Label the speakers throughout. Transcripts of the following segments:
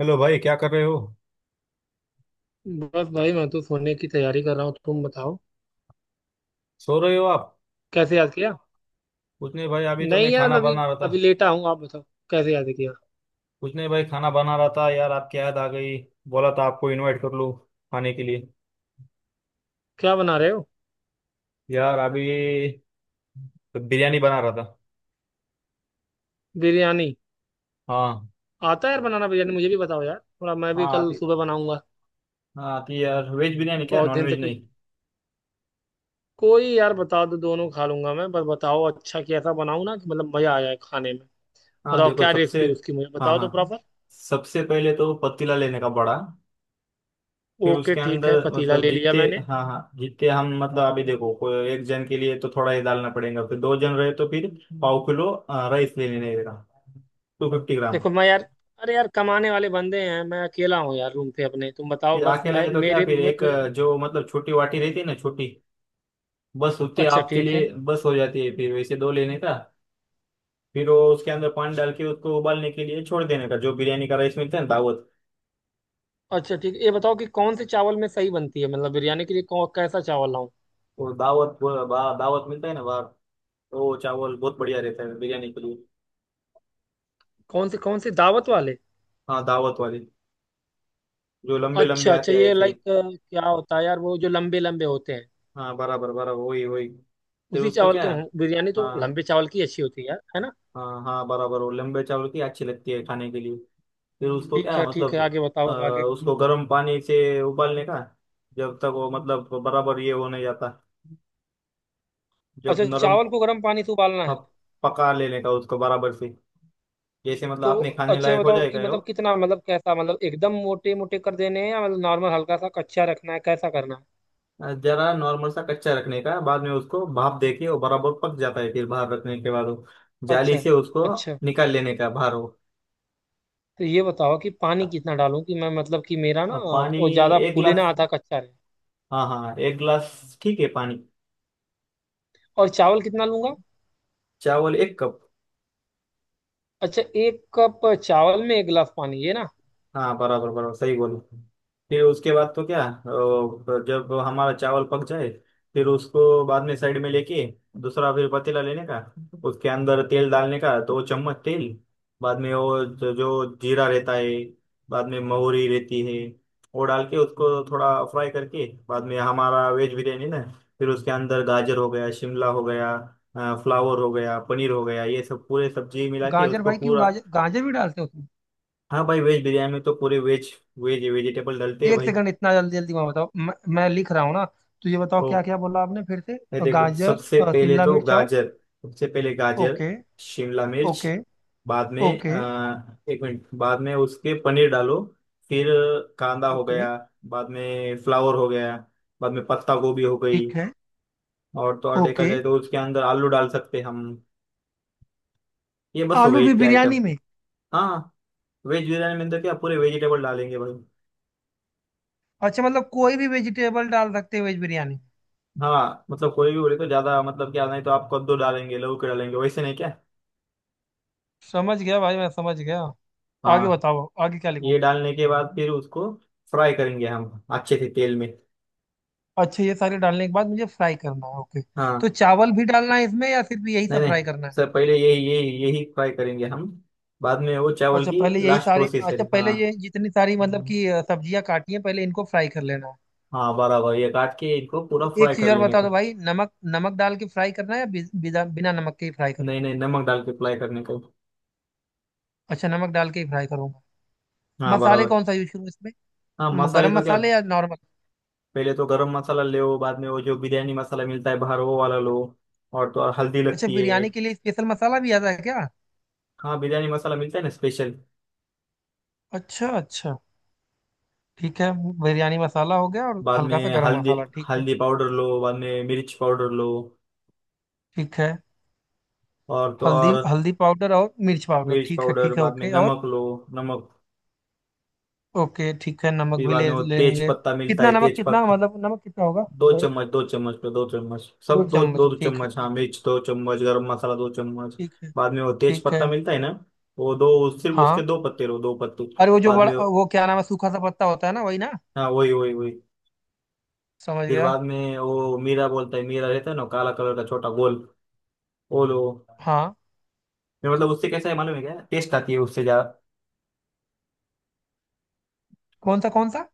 Speaker 1: Hello भाई, क्या कर रहे हो?
Speaker 2: बस भाई मैं तो सोने की तैयारी कर रहा हूँ, तुम बताओ।
Speaker 1: सो रहे हो आप?
Speaker 2: कैसे याद किया?
Speaker 1: कुछ नहीं भाई, अभी तो
Speaker 2: नहीं
Speaker 1: मैं
Speaker 2: यार,
Speaker 1: खाना
Speaker 2: अभी
Speaker 1: बना रहा था।
Speaker 2: अभी लेटा हूँ, आप बताओ। कैसे याद किया?
Speaker 1: कुछ नहीं भाई, खाना बना रहा था यार, आपकी याद आ गई। बोला था आपको इनवाइट कर लूँ खाने के लिए।
Speaker 2: क्या बना रहे हो?
Speaker 1: यार अभी तो बिरयानी बना रहा था।
Speaker 2: बिरयानी?
Speaker 1: हाँ।
Speaker 2: आता है यार बनाना बिरयानी, मुझे भी बताओ यार, थोड़ा मैं भी
Speaker 1: हाँ,
Speaker 2: कल
Speaker 1: आती।
Speaker 2: सुबह बनाऊंगा।
Speaker 1: हाँ, आती यार, वेज बिरयानी, क्या
Speaker 2: बहुत
Speaker 1: नॉन
Speaker 2: दिन से
Speaker 1: वेज
Speaker 2: कुछ,
Speaker 1: नहीं?
Speaker 2: कोई यार बता दो, दोनों खा लूंगा मैं, बस बताओ। अच्छा कैसा बनाऊं ना कि मतलब मजा आ जाए खाने में?
Speaker 1: हाँ
Speaker 2: बताओ
Speaker 1: देखो
Speaker 2: क्या
Speaker 1: सबसे।
Speaker 2: रेसिपी उसकी, मुझे
Speaker 1: हाँ
Speaker 2: बताओ तो
Speaker 1: हाँ,
Speaker 2: प्रॉपर।
Speaker 1: सबसे पहले तो पतीला लेने का बड़ा। फिर
Speaker 2: ओके
Speaker 1: उसके
Speaker 2: ठीक है,
Speaker 1: अंदर
Speaker 2: पतीला
Speaker 1: मतलब
Speaker 2: ले लिया
Speaker 1: जितने।
Speaker 2: मैंने।
Speaker 1: हाँ हाँ, जितने हम मतलब अभी देखो, कोई एक जन के लिए तो थोड़ा ही डालना पड़ेगा, फिर दो जन रहे तो फिर पाव किलो राइस ले लेने का। 250 ग्राम।
Speaker 2: देखो मैं यार, अरे यार कमाने वाले बंदे हैं, मैं अकेला हूँ यार रूम पे अपने, तुम बताओ
Speaker 1: फिर
Speaker 2: बस।
Speaker 1: अकेला
Speaker 2: मैं
Speaker 1: है तो क्या, फिर एक
Speaker 2: मुझे।
Speaker 1: जो मतलब छोटी वाटी रहती है ना, छोटी बस उतने
Speaker 2: अच्छा
Speaker 1: आपके
Speaker 2: ठीक है।
Speaker 1: लिए बस हो जाती है, फिर वैसे दो लेने का। फिर वो उसके अंदर पानी डाल के उसको उबालने के लिए छोड़ देने का, जो बिरयानी का राइस मिलता है ना, दावत।
Speaker 2: अच्छा ठीक है, ये बताओ कि कौन से चावल में सही बनती है, मतलब बिरयानी के लिए कौन कैसा चावल लाऊं?
Speaker 1: वो दावत, वो दावत मिलता है ना बाहर। तो वो चावल बहुत बढ़िया रहता है बिरयानी के लिए।
Speaker 2: कौन से दावत वाले?
Speaker 1: हाँ, दावत वाले। जो लंबे लंबे
Speaker 2: अच्छा अच्छा,
Speaker 1: आते हैं
Speaker 2: ये
Speaker 1: ऐसे।
Speaker 2: लाइक क्या होता है यार, वो जो लंबे लंबे होते हैं?
Speaker 1: हाँ, बराबर बराबर, वही वही। फिर
Speaker 2: उसी
Speaker 1: उसको
Speaker 2: चावल
Speaker 1: क्या?
Speaker 2: के बिरयानी तो
Speaker 1: हाँ
Speaker 2: लंबे चावल की अच्छी होती है यार, है ना?
Speaker 1: हाँ। हाँ, बराबर, वो लंबे चावल की अच्छी लगती है खाने के लिए। फिर उसको
Speaker 2: ठीक
Speaker 1: क्या
Speaker 2: है ठीक है,
Speaker 1: मतलब?
Speaker 2: आगे
Speaker 1: अ,
Speaker 2: बताओ, अब आगे।
Speaker 1: उसको गर्म पानी से उबालने का। जब तक वो मतलब बराबर ये हो नहीं जाता, जब
Speaker 2: अच्छा
Speaker 1: नरम
Speaker 2: चावल को गर्म पानी से उबालना है?
Speaker 1: प- पका लेने का उसको बराबर से, जैसे मतलब
Speaker 2: तो
Speaker 1: आपने खाने
Speaker 2: अच्छा ये
Speaker 1: लायक हो
Speaker 2: बताओ कि
Speaker 1: जाएगा वो।
Speaker 2: मतलब कितना, मतलब कैसा, मतलब एकदम मोटे मोटे कर देने हैं या मतलब नॉर्मल हल्का सा कच्चा रखना है, कैसा करना है?
Speaker 1: जरा नॉर्मल सा कच्चा रखने का, बाद में उसको भाप देके वो बराबर पक जाता है, फिर बाहर रखने के बाद वो जाली
Speaker 2: अच्छा।
Speaker 1: से उसको
Speaker 2: अच्छा
Speaker 1: निकाल लेने का बाहर वो।
Speaker 2: तो ये बताओ कि पानी कितना डालूं कि मैं, मतलब कि मेरा ना
Speaker 1: अब पानी
Speaker 2: वो ज्यादा
Speaker 1: एक
Speaker 2: फूले ना
Speaker 1: गिलास।
Speaker 2: आधा कच्चा रहे।
Speaker 1: हाँ हाँ, एक गिलास ठीक है पानी।
Speaker 2: और चावल कितना लूंगा?
Speaker 1: चावल एक कप।
Speaker 2: अच्छा, एक कप चावल में एक गिलास पानी, ये ना?
Speaker 1: हाँ, बराबर बराबर, सही बोलो। फिर उसके बाद तो क्या, जब हमारा चावल पक जाए, फिर उसको बाद में साइड में लेके दूसरा फिर पतीला लेने का। उसके अंदर तेल डालने का, तो चम्मच तेल। बाद में वो जो जो जीरा रहता है, बाद में महुरी रहती है, वो डाल के उसको थोड़ा फ्राई करके बाद में हमारा वेज बिरयानी ना। फिर उसके अंदर गाजर हो गया, शिमला हो गया, फ्लावर हो गया, पनीर हो गया, ये सब पूरे सब्जी मिला के
Speaker 2: गाजर
Speaker 1: उसको
Speaker 2: भाई क्यों,
Speaker 1: पूरा।
Speaker 2: गाजर गाजर भी डालते हो तुम?
Speaker 1: हाँ भाई, वेज बिरयानी में तो पूरे वेज वेज वेजिटेबल डलते हैं
Speaker 2: एक
Speaker 1: भाई।
Speaker 2: सेकंड, इतना जल्दी जल्दी मैं, बताओ, मैं लिख रहा हूँ ना। तो ये बताओ
Speaker 1: ओ,
Speaker 2: क्या क्या बोला आपने फिर से।
Speaker 1: ये देखो
Speaker 2: गाजर,
Speaker 1: सबसे पहले
Speaker 2: शिमला
Speaker 1: तो
Speaker 2: मिर्च और?
Speaker 1: गाजर। सबसे पहले गाजर,
Speaker 2: ओके।
Speaker 1: शिमला मिर्च।
Speaker 2: ओके।
Speaker 1: बाद में
Speaker 2: ओके।
Speaker 1: एक मिनट, बाद में उसके पनीर डालो। फिर कांदा हो
Speaker 2: ओके।
Speaker 1: गया, बाद में फ्लावर हो गया, बाद में पत्ता गोभी हो गई,
Speaker 2: ठीक है।
Speaker 1: और तो और देखा
Speaker 2: ओके।
Speaker 1: जाए तो उसके अंदर आलू डाल सकते हैं हम। ये बस हो
Speaker 2: आलू
Speaker 1: गई
Speaker 2: भी
Speaker 1: इतने आइटम।
Speaker 2: बिरयानी में?
Speaker 1: हाँ। वेज बिरयानी में तो क्या, पूरे वेजिटेबल डालेंगे भाई।
Speaker 2: अच्छा मतलब कोई भी वेजिटेबल डाल सकते हो वेज बिरयानी में।
Speaker 1: हाँ, मतलब कोई भी बोले तो ज्यादा मतलब क्या, नहीं तो आप कद्दू डालेंगे, लौकी डालेंगे, वैसे नहीं क्या?
Speaker 2: समझ गया भाई, मैं समझ गया। आगे
Speaker 1: हाँ,
Speaker 2: बताओ, आगे क्या लिखूं?
Speaker 1: ये डालने के बाद फिर उसको फ्राई करेंगे हम अच्छे से तेल में।
Speaker 2: अच्छा ये सारे डालने के बाद मुझे फ्राई करना है, ओके। तो
Speaker 1: हाँ।
Speaker 2: चावल भी डालना है इसमें या सिर्फ यही
Speaker 1: नहीं
Speaker 2: सब फ्राई
Speaker 1: नहीं,
Speaker 2: करना है?
Speaker 1: सर पहले यही यही यही फ्राई करेंगे हम, बाद में वो चावल
Speaker 2: अच्छा
Speaker 1: की
Speaker 2: पहले यही
Speaker 1: लास्ट
Speaker 2: सारे,
Speaker 1: प्रोसेस है।
Speaker 2: अच्छा
Speaker 1: हाँ।
Speaker 2: पहले ये जितनी सारी मतलब
Speaker 1: हम्म।
Speaker 2: कि सब्जियां काटी हैं पहले इनको फ्राई कर लेना है।
Speaker 1: हाँ बराबर, ये काट के इनको पूरा
Speaker 2: तो एक
Speaker 1: फ्राई
Speaker 2: चीज
Speaker 1: कर
Speaker 2: और
Speaker 1: लेने
Speaker 2: बता दो
Speaker 1: का।
Speaker 2: भाई, नमक, नमक डाल के फ्राई करना है या बि- बिना बिना नमक के ही फ्राई करूँ?
Speaker 1: नहीं नहीं, नमक डाल के फ्राई करने का।
Speaker 2: अच्छा नमक डाल के ही फ्राई करूंगा।
Speaker 1: हाँ
Speaker 2: मसाले
Speaker 1: बराबर।
Speaker 2: कौन सा यूज करूँ इसमें?
Speaker 1: हाँ, मसाले
Speaker 2: गरम
Speaker 1: तो क्या,
Speaker 2: मसाले या नॉर्मल?
Speaker 1: पहले तो गरम मसाला ले, बाद में वो जो बिरयानी मसाला मिलता है बाहर, वो वाला लो, और तो और हल्दी
Speaker 2: अच्छा
Speaker 1: लगती है।
Speaker 2: बिरयानी के लिए स्पेशल मसाला भी आता है क्या?
Speaker 1: हाँ, बिरयानी मसाला मिलता है ना स्पेशल।
Speaker 2: अच्छा अच्छा, ठीक है। बिरयानी मसाला हो गया और
Speaker 1: बाद
Speaker 2: हल्का सा
Speaker 1: में
Speaker 2: गरम
Speaker 1: हल्दी,
Speaker 2: मसाला, ठीक है।
Speaker 1: हल्दी पाउडर लो, बाद में मिर्च पाउडर लो।
Speaker 2: ठीक है।
Speaker 1: और तो
Speaker 2: हल्दी,
Speaker 1: और
Speaker 2: हल्दी पाउडर और मिर्च पाउडर,
Speaker 1: मिर्च पाउडर,
Speaker 2: ठीक है
Speaker 1: बाद में
Speaker 2: ओके, और?
Speaker 1: नमक लो। नमक।
Speaker 2: ओके ठीक है, नमक
Speaker 1: फिर
Speaker 2: भी
Speaker 1: बाद
Speaker 2: ले
Speaker 1: में वो तेज
Speaker 2: लेंगे।
Speaker 1: पत्ता मिलता
Speaker 2: कितना
Speaker 1: है,
Speaker 2: नमक,
Speaker 1: तेज
Speaker 2: कितना,
Speaker 1: पत्ता।
Speaker 2: मतलब नमक कितना होगा?
Speaker 1: दो
Speaker 2: लाइक?
Speaker 1: चम्मच, दो चम्मच पे दो चम्मच,
Speaker 2: दो
Speaker 1: सब दो दो,
Speaker 2: चम्मच
Speaker 1: दो
Speaker 2: ठीक है,
Speaker 1: चम्मच हाँ,
Speaker 2: ठीक।
Speaker 1: मिर्च दो चम्मच, गरम मसाला दो चम्मच।
Speaker 2: ठीक है।
Speaker 1: बाद में वो तेज
Speaker 2: ठीक है।
Speaker 1: पत्ता मिलता है ना, वो दो सिर्फ, उसके
Speaker 2: हाँ।
Speaker 1: दो पत्ते लो, 2 पत्ते।
Speaker 2: अरे वो जो
Speaker 1: बाद
Speaker 2: बड़ा,
Speaker 1: में
Speaker 2: वो क्या नाम है, सूखा सा पत्ता होता है ना, वही ना?
Speaker 1: हाँ वही वही वही।
Speaker 2: समझ
Speaker 1: फिर
Speaker 2: गया।
Speaker 1: बाद में वो मीरा बोलता है, मीरा रहता है ना काला कलर का, छोटा गोल, वो लो।
Speaker 2: हाँ।
Speaker 1: नहीं, मतलब उससे कैसा है मालूम है क्या, टेस्ट आती है उससे जा।
Speaker 2: कौन सा कौन सा?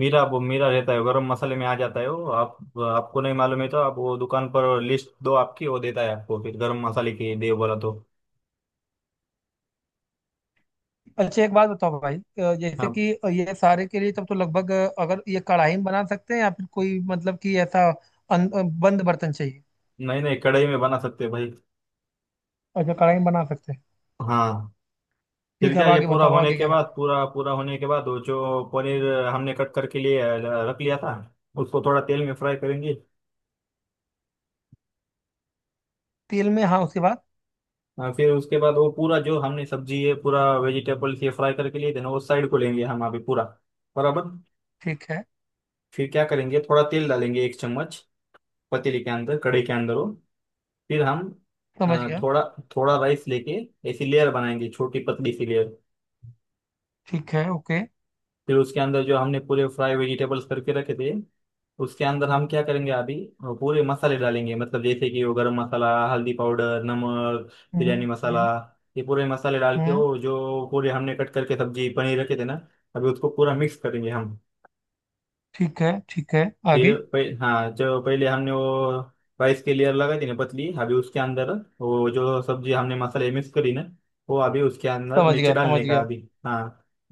Speaker 1: मीरा, वो मीरा रहता है, गरम मसाले में आ जाता है वो। आप, आपको नहीं मालूम है तो आप वो दुकान पर लिस्ट दो आपकी, वो देता है आपको, फिर गरम मसाले की दे बोला तो
Speaker 2: अच्छा एक बात बताओ भाई, जैसे
Speaker 1: आप।
Speaker 2: कि ये सारे के लिए तब तो लगभग, अगर ये कढ़ाई में बना सकते हैं या फिर कोई मतलब कि ऐसा बंद बर्तन चाहिए?
Speaker 1: नहीं नहीं, कढ़ाई में बना सकते हैं भाई।
Speaker 2: अच्छा कढ़ाई में बना सकते हैं।
Speaker 1: हाँ। फिर
Speaker 2: ठीक है,
Speaker 1: क्या,
Speaker 2: अब
Speaker 1: ये
Speaker 2: आगे
Speaker 1: पूरा
Speaker 2: बताओ,
Speaker 1: होने
Speaker 2: आगे
Speaker 1: के
Speaker 2: क्या
Speaker 1: बाद,
Speaker 2: करना है?
Speaker 1: पूरा पूरा होने के बाद वो जो पनीर हमने कट करके लिए रख लिया था, उसको थोड़ा तेल में फ्राई करेंगे।
Speaker 2: तेल में, हाँ उसके बाद?
Speaker 1: फिर उसके बाद वो पूरा जो हमने सब्जी है पूरा वेजिटेबल्स ये फ्राई करके लिए थे ना, वो साइड को लेंगे हम अभी पूरा। बराबर।
Speaker 2: ठीक है,
Speaker 1: फिर क्या करेंगे, थोड़ा तेल डालेंगे एक चम्मच पतीली के अंदर, कढ़ाई के अंदर हो। फिर हम
Speaker 2: समझ गया।
Speaker 1: थोड़ा थोड़ा राइस लेके ऐसी लेयर बनाएंगे, छोटी पतली सी लेयर।
Speaker 2: ठीक है, ओके।
Speaker 1: फिर उसके अंदर जो हमने पूरे फ्राई वेजिटेबल्स करके रखे थे, उसके अंदर हम क्या करेंगे अभी, पूरे मसाले डालेंगे मतलब जैसे कि वो गरम मसाला, हल्दी पाउडर, नमक, बिरयानी
Speaker 2: हम्म,
Speaker 1: मसाला,
Speaker 2: हम्म,
Speaker 1: ये पूरे मसाले डाल के
Speaker 2: हम्म।
Speaker 1: वो जो पूरे हमने कट करके सब्जी पनीर रखे थे ना, अभी उसको पूरा मिक्स करेंगे हम।
Speaker 2: ठीक है ठीक है।
Speaker 1: फिर
Speaker 2: आगे।
Speaker 1: हाँ, जो पहले हमने वो राइस की लेयर लगाई थी ना पतली, अभी उसके अंदर वो जो सब्जी हमने मसाले मिक्स करी ना, वो अभी उसके अंदर
Speaker 2: समझ
Speaker 1: नीचे
Speaker 2: गया, समझ
Speaker 1: डालने का
Speaker 2: गया।
Speaker 1: अभी। हाँ।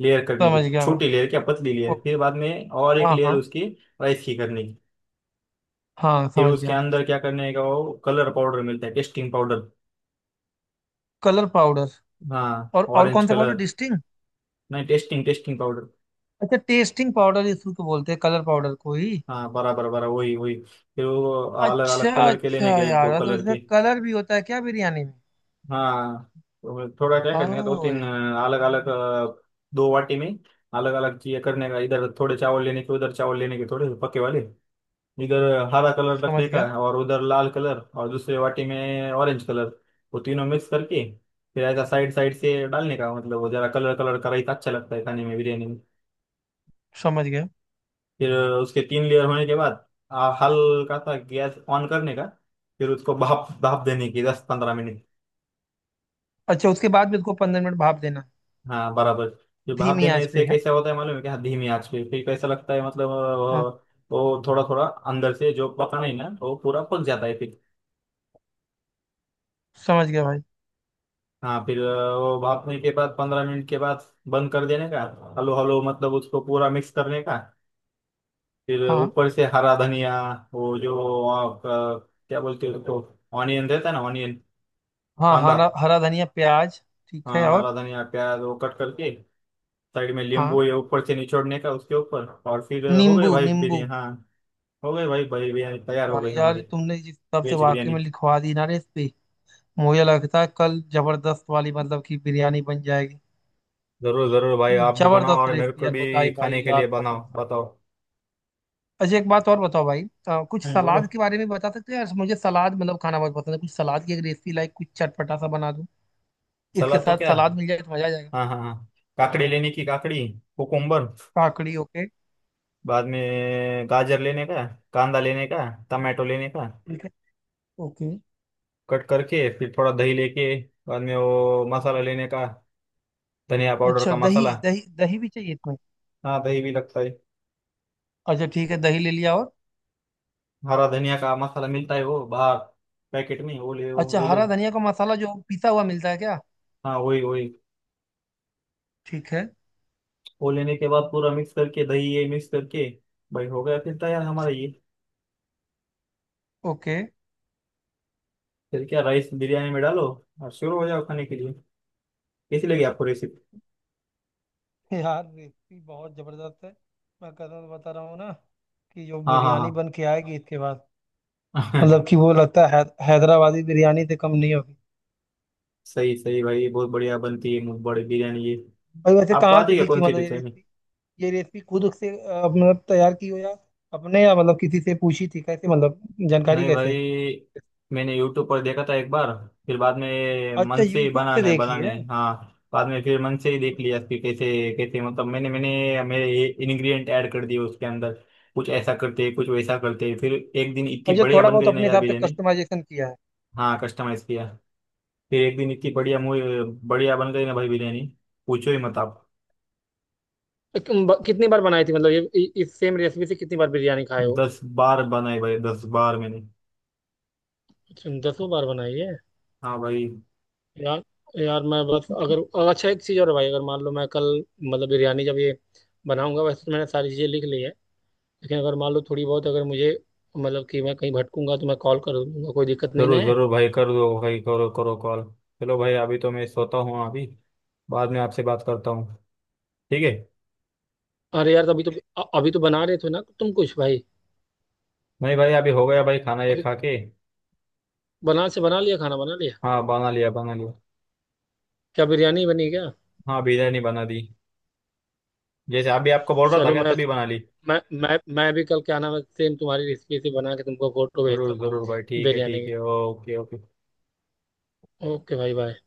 Speaker 1: लेयर करने की,
Speaker 2: समझ गया मैं।
Speaker 1: छोटी लेयर क्या, पतली
Speaker 2: ओ,
Speaker 1: लेयर, फिर बाद में और एक
Speaker 2: हाँ
Speaker 1: लेयर
Speaker 2: हाँ
Speaker 1: उसकी राइस की करने की।
Speaker 2: हाँ,
Speaker 1: फिर
Speaker 2: समझ
Speaker 1: उसके
Speaker 2: गया।
Speaker 1: अंदर क्या करने का, वो कलर पाउडर मिलता है, टेस्टिंग पाउडर।
Speaker 2: Colour powder?
Speaker 1: हाँ,
Speaker 2: और
Speaker 1: ऑरेंज
Speaker 2: कौन सा पाउडर,
Speaker 1: कलर।
Speaker 2: डिस्टिंग?
Speaker 1: नहीं, टेस्टिंग, टेस्टिंग पाउडर।
Speaker 2: अच्छा टेस्टिंग पाउडर, इसको तो बोलते हैं कलर पाउडर को ही।
Speaker 1: हाँ, बराबर बराबर वही वही। फिर वो अलग
Speaker 2: अच्छा
Speaker 1: अलग कलर के
Speaker 2: अच्छा
Speaker 1: लेने के, एक दो
Speaker 2: यार, तो
Speaker 1: कलर
Speaker 2: उसमें
Speaker 1: के।
Speaker 2: कलर भी होता है क्या बिरयानी में?
Speaker 1: हाँ, तो थोड़ा क्या
Speaker 2: ओ
Speaker 1: करने का, दो तीन
Speaker 2: यार।
Speaker 1: अलग अलग, दो वाटी में अलग अलग चीजें करने का, इधर थोड़े चावल लेने के, उधर चावल लेने के थोड़े पके वाले, इधर हरा कलर
Speaker 2: समझ
Speaker 1: रखने का,
Speaker 2: गया।
Speaker 1: और उधर लाल कलर, और दूसरे वाटी में ऑरेंज कलर। वो तीनों मिक्स करके फिर ऐसा साइड साइड से डालने का, मतलब वो जरा कलर कलर का रायता अच्छा लगता है खाने में बिरयानी में।
Speaker 2: समझ गया।
Speaker 1: फिर उसके 3 लेयर होने के बाद हल्का सा गैस ऑन करने का, फिर उसको भाप भाप देने की 10-15 मिनट।
Speaker 2: अच्छा उसके बाद भी उसको 15 मिनट भाप देना है।
Speaker 1: हाँ, बराबर। ये भाप
Speaker 2: धीमी
Speaker 1: देने
Speaker 2: आंच पे
Speaker 1: से
Speaker 2: है?
Speaker 1: कैसा होता है मालूम है क्या, धीमी आंच पे फिर कैसा लगता है मतलब
Speaker 2: हाँ।
Speaker 1: वो थोड़ा थोड़ा अंदर से जो पका नहीं ना वो पूरा पक जाता है फिर।
Speaker 2: समझ गया भाई।
Speaker 1: हाँ, फिर वो भापने के बाद 15 मिनट के बाद बंद कर देने का, हलो हलो, मतलब उसको पूरा मिक्स करने का। फिर
Speaker 2: हाँ।
Speaker 1: ऊपर से हरा धनिया, वो जो क्या बोलते हैं उसको, ऑनियन रहता है ना, ऑनियन,
Speaker 2: हाँ
Speaker 1: कांदा।
Speaker 2: हरा, हरा धनिया प्याज। ठीक है,
Speaker 1: हाँ हरा
Speaker 2: और?
Speaker 1: धनिया, प्याज वो कट करके साइड में, नींबू
Speaker 2: हाँ।
Speaker 1: ये ऊपर से निचोड़ने का उसके ऊपर, और फिर हो गए
Speaker 2: नींबू,
Speaker 1: भाई
Speaker 2: नींबू।
Speaker 1: बिरयानी। हाँ, हो गई भाई, भाई बिरयानी तैयार हो गई
Speaker 2: भाई यार
Speaker 1: हमारी,
Speaker 2: तुमने जिस हिसाब से
Speaker 1: वेज
Speaker 2: वाकई
Speaker 1: बिरयानी।
Speaker 2: में लिखवा दी ना रेसिपी, मुझे लगता है कल जबरदस्त वाली मतलब की बिरयानी बन जाएगी।
Speaker 1: जरूर जरूर भाई, आप भी बनाओ
Speaker 2: जबरदस्त
Speaker 1: और मेरे
Speaker 2: रेसिपी
Speaker 1: को
Speaker 2: यार
Speaker 1: भी
Speaker 2: बताई भाई,
Speaker 1: खाने के
Speaker 2: यार
Speaker 1: लिए
Speaker 2: कसम
Speaker 1: बनाओ,
Speaker 2: से।
Speaker 1: बताओ।
Speaker 2: अच्छा एक बात और बताओ भाई, कुछ
Speaker 1: बोलो।
Speaker 2: सलाद के बारे में बता सकते हो यार, मुझे सलाद मतलब खाना बहुत पसंद है, कुछ सलाद की एक रेसिपी लाइक, कुछ चटपटा सा बना दूं, इसके
Speaker 1: सलाद तो
Speaker 2: साथ
Speaker 1: क्या,
Speaker 2: सलाद मिल जाए तो मजा आ जाएगा।
Speaker 1: हाँ हाँ हाँ, काकड़ी लेने की, काकड़ी, कुकुम्बर।
Speaker 2: काकड़ी, ओके।
Speaker 1: बाद में गाजर लेने का, कांदा लेने का, टमाटो लेने का,
Speaker 2: ठीक है। ओके।
Speaker 1: कट करके फिर थोड़ा दही लेके, बाद में वो मसाला लेने का, धनिया पाउडर
Speaker 2: अच्छा
Speaker 1: का
Speaker 2: दही,
Speaker 1: मसाला।
Speaker 2: दही दही भी चाहिए इसमें?
Speaker 1: हाँ, दही भी लगता है।
Speaker 2: अच्छा ठीक है, दही ले लिया, और?
Speaker 1: हरा धनिया का मसाला मिलता है वो बाहर पैकेट में, वो
Speaker 2: अच्छा
Speaker 1: ले लो।
Speaker 2: हरा धनिया का मसाला जो पिसा हुआ मिलता है क्या?
Speaker 1: हाँ, वही वही।
Speaker 2: ठीक है।
Speaker 1: वो लेने के बाद पूरा मिक्स करके दही ये मिक्स करके भाई, हो गया फिर तैयार हमारा ये।
Speaker 2: ओके।
Speaker 1: फिर क्या, राइस बिरयानी में डालो, और शुरू हो जाओ खाने के लिए। कैसी लगी आपको रेसिपी?
Speaker 2: यार रेसिपी बहुत जबरदस्त है, मैं कसम से बता रहा हूँ ना कि जो
Speaker 1: हाँ
Speaker 2: बिरयानी
Speaker 1: हाँ
Speaker 2: बन के आएगी इसके बाद,
Speaker 1: हाँ
Speaker 2: मतलब कि वो लगता है, हैदराबादी बिरयानी से कम नहीं होगी।
Speaker 1: सही सही भाई, ये बहुत बढ़िया बनती है, मुंह बड़ी बिरयानी ये।
Speaker 2: भाई वैसे
Speaker 1: आपको
Speaker 2: कहाँ
Speaker 1: आती
Speaker 2: से
Speaker 1: है क्या,
Speaker 2: सीखी
Speaker 1: कौन सी
Speaker 2: मतलब ये
Speaker 1: डिश है?
Speaker 2: रेसिपी? ये रेसिपी खुद से मतलब तैयार की हो या अपने, या मतलब किसी से पूछी थी, कैसे मतलब जानकारी
Speaker 1: नहीं
Speaker 2: कैसे?
Speaker 1: भाई, मैंने यूट्यूब पर देखा था एक बार, फिर बाद में
Speaker 2: अच्छा
Speaker 1: मन से ही
Speaker 2: यूट्यूब से
Speaker 1: बनाने
Speaker 2: देखी
Speaker 1: बनाने,
Speaker 2: है।
Speaker 1: हाँ, बाद में फिर मन से ही देख लिया कि कैसे कैसे, मतलब मैंने मैंने मेरे इंग्रेडिएंट ऐड कर दिए उसके अंदर, कुछ ऐसा करते, कुछ वैसा करते, फिर एक दिन इतनी
Speaker 2: अच्छा
Speaker 1: बढ़िया
Speaker 2: थोड़ा
Speaker 1: बन
Speaker 2: बहुत
Speaker 1: गई ना
Speaker 2: अपने
Speaker 1: यार
Speaker 2: हिसाब से
Speaker 1: बिरयानी।
Speaker 2: कस्टमाइजेशन किया है।
Speaker 1: हाँ, कस्टमाइज किया। फिर एक दिन इतनी बढ़िया बढ़िया बन गई ना भाई बिरयानी, पूछो ही मत आप।
Speaker 2: कितनी बार बनाई थी मतलब ये, इस सेम रेसिपी से कितनी बार बिरयानी खाए हो?
Speaker 1: 10 बार बनाई भाई, 10 बार मैंने।
Speaker 2: तुम दसों बार बनाई है?
Speaker 1: हाँ भाई।
Speaker 2: यार। यार मैं बस, अगर अगर- अच्छा एक चीज़ और है भाई, अगर मान लो मैं कल, मतलब बिरयानी जब ये बनाऊंगा, वैसे तो मैंने सारी चीज़ें लिख ली है लेकिन अगर मान लो थोड़ी बहुत अगर मुझे, मतलब कि मैं कहीं भटकूंगा तो मैं कॉल कर दूंगा, कोई दिक्कत नहीं ना
Speaker 1: जरूर
Speaker 2: है?
Speaker 1: जरूर भाई, कर दो भाई, करो करो कॉल। चलो भाई, अभी तो मैं सोता हूँ अभी, बाद में आपसे बात करता हूँ। ठीक है।
Speaker 2: अरे यार अभी तो, अभी तो बना रहे थे ना तुम कुछ भाई।
Speaker 1: नहीं भाई, अभी हो गया भाई खाना, ये
Speaker 2: अभी
Speaker 1: खा के।
Speaker 2: बना लिया, खाना बना लिया?
Speaker 1: हाँ, बना लिया बना लिया।
Speaker 2: क्या बिरयानी बनी क्या?
Speaker 1: हाँ, बिरयानी बना दी, जैसे अभी आपको बोल रहा था
Speaker 2: चलो,
Speaker 1: क्या, तभी बना ली।
Speaker 2: मैं भी कल क्या नाम है सेम तुम्हारी रेसिपी से बना के तुमको फोटो भेजता
Speaker 1: जरूर
Speaker 2: हूँ,
Speaker 1: जरूर भाई, ठीक है
Speaker 2: बिरयानी
Speaker 1: ठीक
Speaker 2: की।
Speaker 1: है, ओके ओके।
Speaker 2: ओके भाई बाय।